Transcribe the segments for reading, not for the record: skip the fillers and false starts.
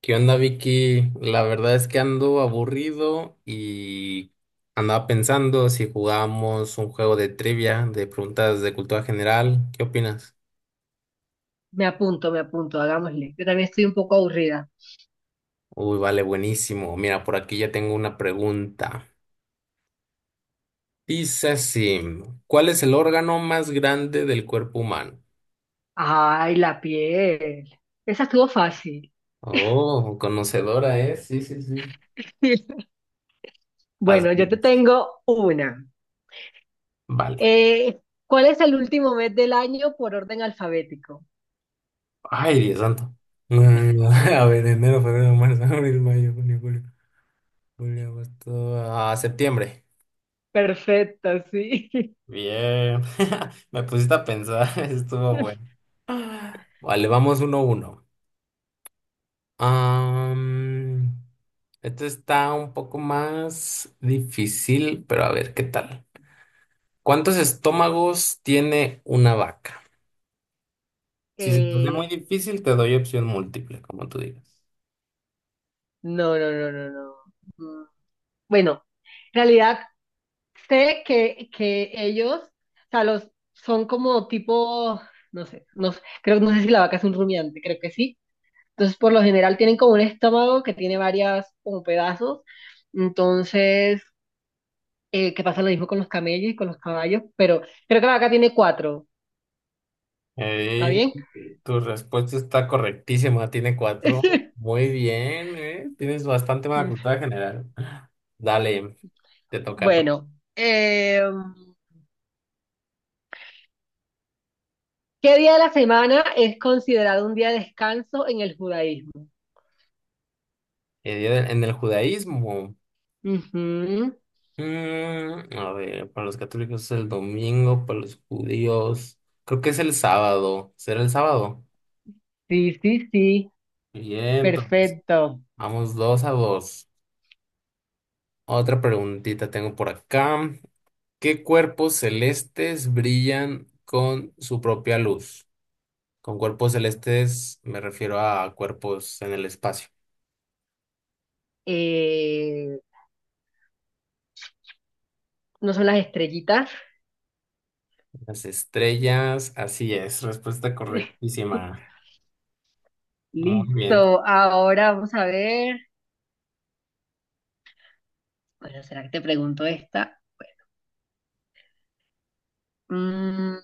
¿Qué onda, Vicky? La verdad es que ando aburrido y andaba pensando si jugábamos un juego de trivia, de preguntas de cultura general. ¿Qué opinas? Me apunto, hagámosle. Yo también estoy un poco aburrida. Uy, vale, buenísimo. Mira, por aquí ya tengo una pregunta. Dice así, ¿cuál es el órgano más grande del cuerpo humano? Ay, la piel. Esa estuvo fácil. Oh, conocedora, ¿eh? Sí, sí, sí. Bueno, Así yo te es. tengo una. Vale. Eh, ¿Cuál es el último mes del año por orden alfabético? Ay, Dios santo. A ver, enero, febrero, marzo, abril, mayo, junio, julio. Julio, agosto, a septiembre. Perfecto, sí. Bien, me pusiste a pensar, estuvo bueno. Vale, vamos uno a uno. Am, esto está un poco más difícil, pero a ver qué tal. ¿Cuántos estómagos tiene una vaca? Si se te hace muy Eh, difícil, te doy opción múltiple, como tú digas. no, no, no, no, no. Mm, Bueno, en realidad sé que ellos, o sea, los son como tipo, no sé, creo, no sé si la vaca es un rumiante, creo que sí. Entonces, por lo general tienen como un estómago que tiene varias como pedazos. Entonces, que pasa lo mismo con los camellos y con los caballos, pero creo que la vaca tiene cuatro. ¿Está Ey, bien? tu respuesta está correctísima, tiene cuatro. Muy bien, ¿eh? Tienes bastante buena cultura general. Dale, te toca. Bueno, eh, ¿qué día de la semana es considerado un día de descanso en el judaísmo? En el judaísmo, Ujú. A ver, para los católicos es el domingo, para los judíos, creo que es el sábado. ¿Será el sábado? Sí, sí, sí, Bien, entonces, perfecto. vamos dos a dos. Otra preguntita tengo por acá. ¿Qué cuerpos celestes brillan con su propia luz? Con cuerpos celestes me refiero a cuerpos en el espacio. Eh, ¿No son las estrellitas? Las estrellas, así es, respuesta correctísima. Muy bien. Listo, ahora vamos a ver. Bueno, ¿será que te pregunto esta? Mm,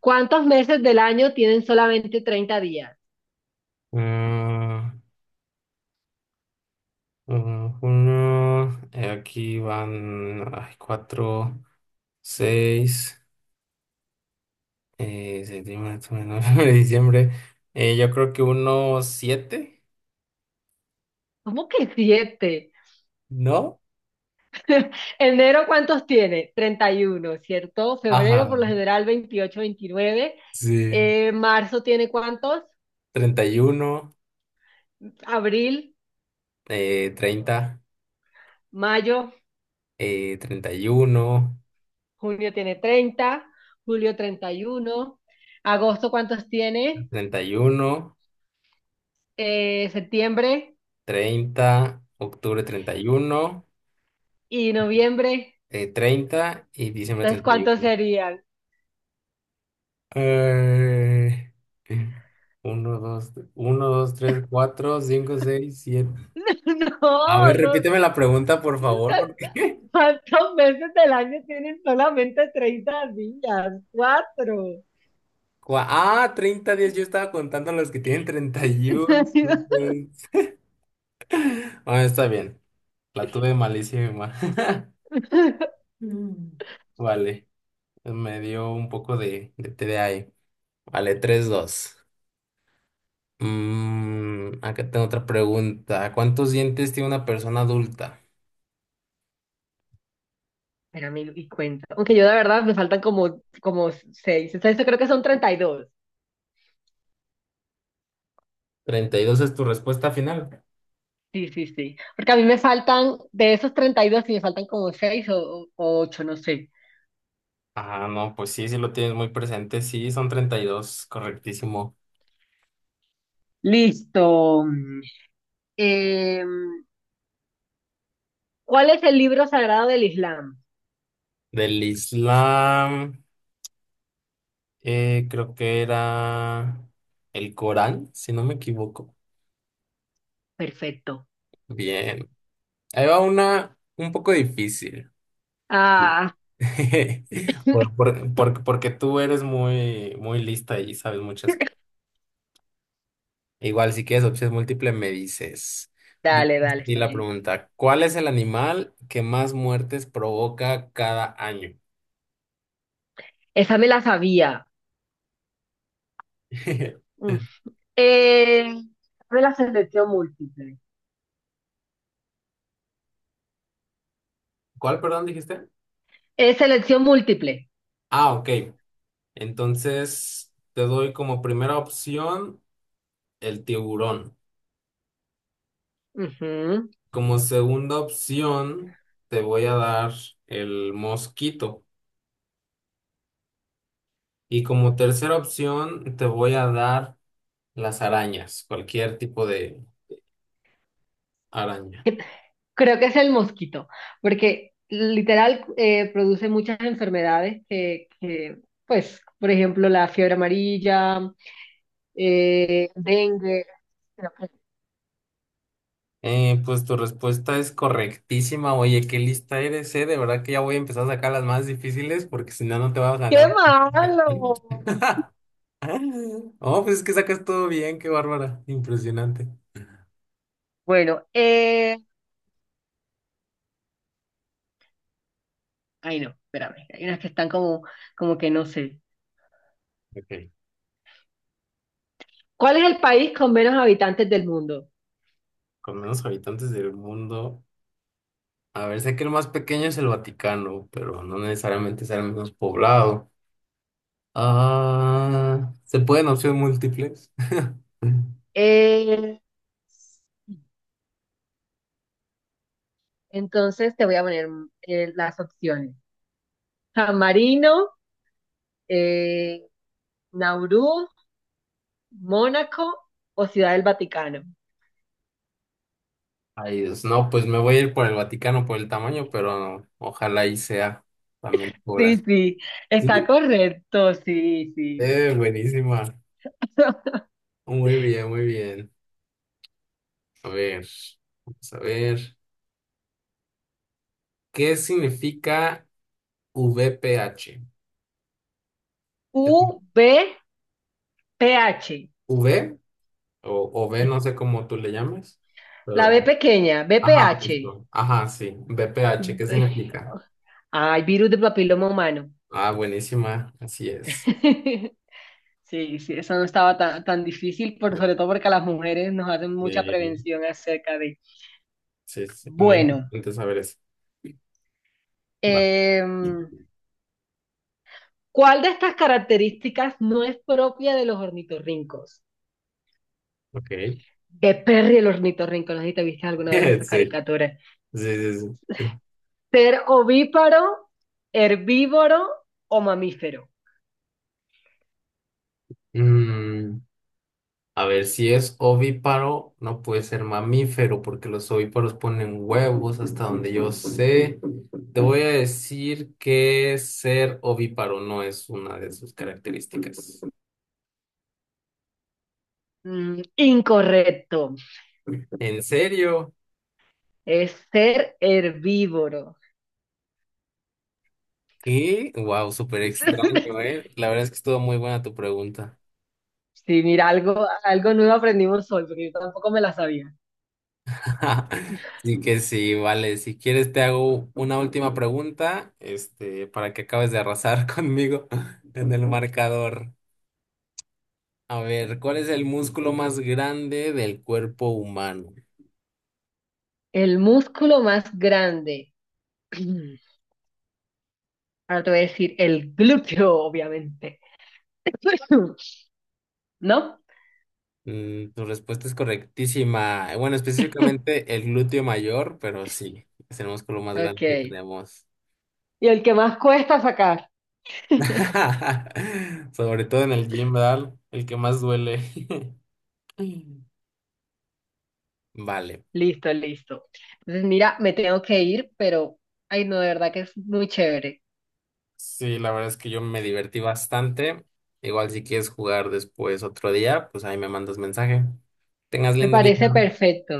¿Cuántos meses del año tienen solamente treinta días? Mm, uno, aquí van ay, cuatro, seis, septiembre, octubre, noviembre, diciembre. Yo creo que uno, siete, ¿Cómo que siete? ¿no? Enero, ¿cuántos tiene? 31, ¿cierto? Febrero, Ajá, por lo general, veintiocho, veintinueve. sí. ¿Marzo tiene cuántos? 31, Abril, 30, mayo, 31, junio tiene 30, julio 31, agosto, ¿cuántos tiene? 31, Septiembre 30 octubre 31, y noviembre. 30 y diciembre Entonces, ¿cuántos 31. serían? Eh, uno dos uno dos tres cuatro cinco seis siete. A ver, No, repíteme la pregunta, por no, favor, porque... ¿cuántos meses del año tienen solamente 30 días? Cuatro. Ah, 30 días, yo estaba contando los que tienen 31. No puede ser. Bueno, está bien, la tuve malísima. Mm. Vale, me dio un poco de TDAH. Vale, 3 dos. Mm, acá tengo otra pregunta. ¿Cuántos dientes tiene una persona adulta? Pero me y cuenta. Aunque yo de verdad me faltan como seis. Entonces yo creo que son 32. ¿32 es tu respuesta final? Sí, sí, sí. Porque a mí me faltan, de esos 32 sí me faltan como seis o ocho, no sé. Ah, no, pues sí, sí lo tienes muy presente. Sí, son 32, correctísimo. Listo. Eh, ¿Cuál es el libro sagrado del Islam? Del Islam, creo que era el Corán, si no me equivoco. Perfecto. Bien. Ahí va una un poco difícil. Sí. Ah, Porque tú eres muy, muy lista y sabes muchas. Igual, si quieres opción múltiple me dices. Dice dale, dale, así está la bien. pregunta, ¿cuál es el animal que más muertes provoca cada año? Esa me la sabía. Mm. Eh, De la selección múltiple. ¿Cuál, perdón, dijiste? Es selección múltiple. Ah, ok. Entonces, te doy como primera opción el tiburón. Ujú. Como segunda opción, te voy a dar el mosquito. Y como tercera opción, te voy a dar las arañas, cualquier tipo de araña. Creo que es el mosquito, porque literal produce muchas enfermedades pues, por ejemplo, la fiebre amarilla, dengue. Pues tu respuesta es correctísima. Oye, qué lista eres, eh. De verdad que ya voy a empezar a sacar las más difíciles porque si no, no te vas a ¡Qué ganar. Ya. malo! Oh, pues es que sacas todo bien, qué bárbara. Impresionante. Bueno, ay no, espérame, hay unas que están como, como que no sé. Ok. ¿Cuál es el país con menos habitantes del mundo? Con menos habitantes del mundo. A ver, sé que el más pequeño es el Vaticano, pero no necesariamente será el menos poblado. Ah, ¿se pueden opciones múltiples? Eh, Entonces te voy a poner las opciones. San Marino, eh, Nauru, Mónaco o Ciudad del Vaticano. Ay, Dios, no, pues me voy a ir por el Vaticano por el tamaño, pero ojalá y sea también Sí, población. sí, está Sí. correcto, sí, sí. Buenísima. Muy bien, muy bien. A ver, vamos a ver. ¿Qué significa VPH? ¿Es U B P H, ¿V o V? No sé cómo tú le llames, la pero... B pequeña, B Ajá, BPH. justo. Ajá, sí. VPH, ¿qué B- significa? Ay, virus de papiloma humano. Ah, buenísima. Así es. Sí, sí, eso no estaba tan, tan difícil, sobre todo porque a las mujeres nos hacen mucha Sí, prevención acerca de... sí, sí. Muy Bueno, importante saber eso. Va, em, ¿cuál de estas características no es propia de los ornitorrincos? ok. De Perry el ornitorrinco, no sé si te viste alguna vez Sí, esa sí, caricatura. sí, sí. Ser ovíparo, herbívoro o mamífero. Mm, a ver, si es ovíparo, no puede ser mamífero, porque los ovíparos ponen huevos hasta donde yo sé. Te voy a decir que ser ovíparo no es una de sus características. Incorrecto. ¿En serio? Es ser herbívoro. ¡Y wow, súper extraño, ¿eh? La verdad es que estuvo muy buena tu pregunta. Sí, mira, algo nuevo aprendimos hoy, porque yo tampoco me la sabía. Así que sí, vale. Si quieres, te hago una última pregunta, este, para que acabes de arrasar conmigo en el marcador. A ver, ¿cuál es el músculo más grande del cuerpo humano? El músculo más grande. Ahora te voy a decir el glúteo, obviamente. ¿No? Tu respuesta es correctísima. Bueno, específicamente el glúteo mayor, pero sí, es el músculo más Ok. grande que tenemos. Y el que más cuesta sacar. Sobre todo en el gym, ¿verdad? El que más duele. Vale. Listo, listo. Entonces, mira, me tengo que ir, pero, ay, no, de verdad que es muy chévere. Sí, la verdad es que yo me divertí bastante. Igual si quieres jugar después otro día, pues ahí me mandas mensaje. Tengas Me lindo día. parece perfecto.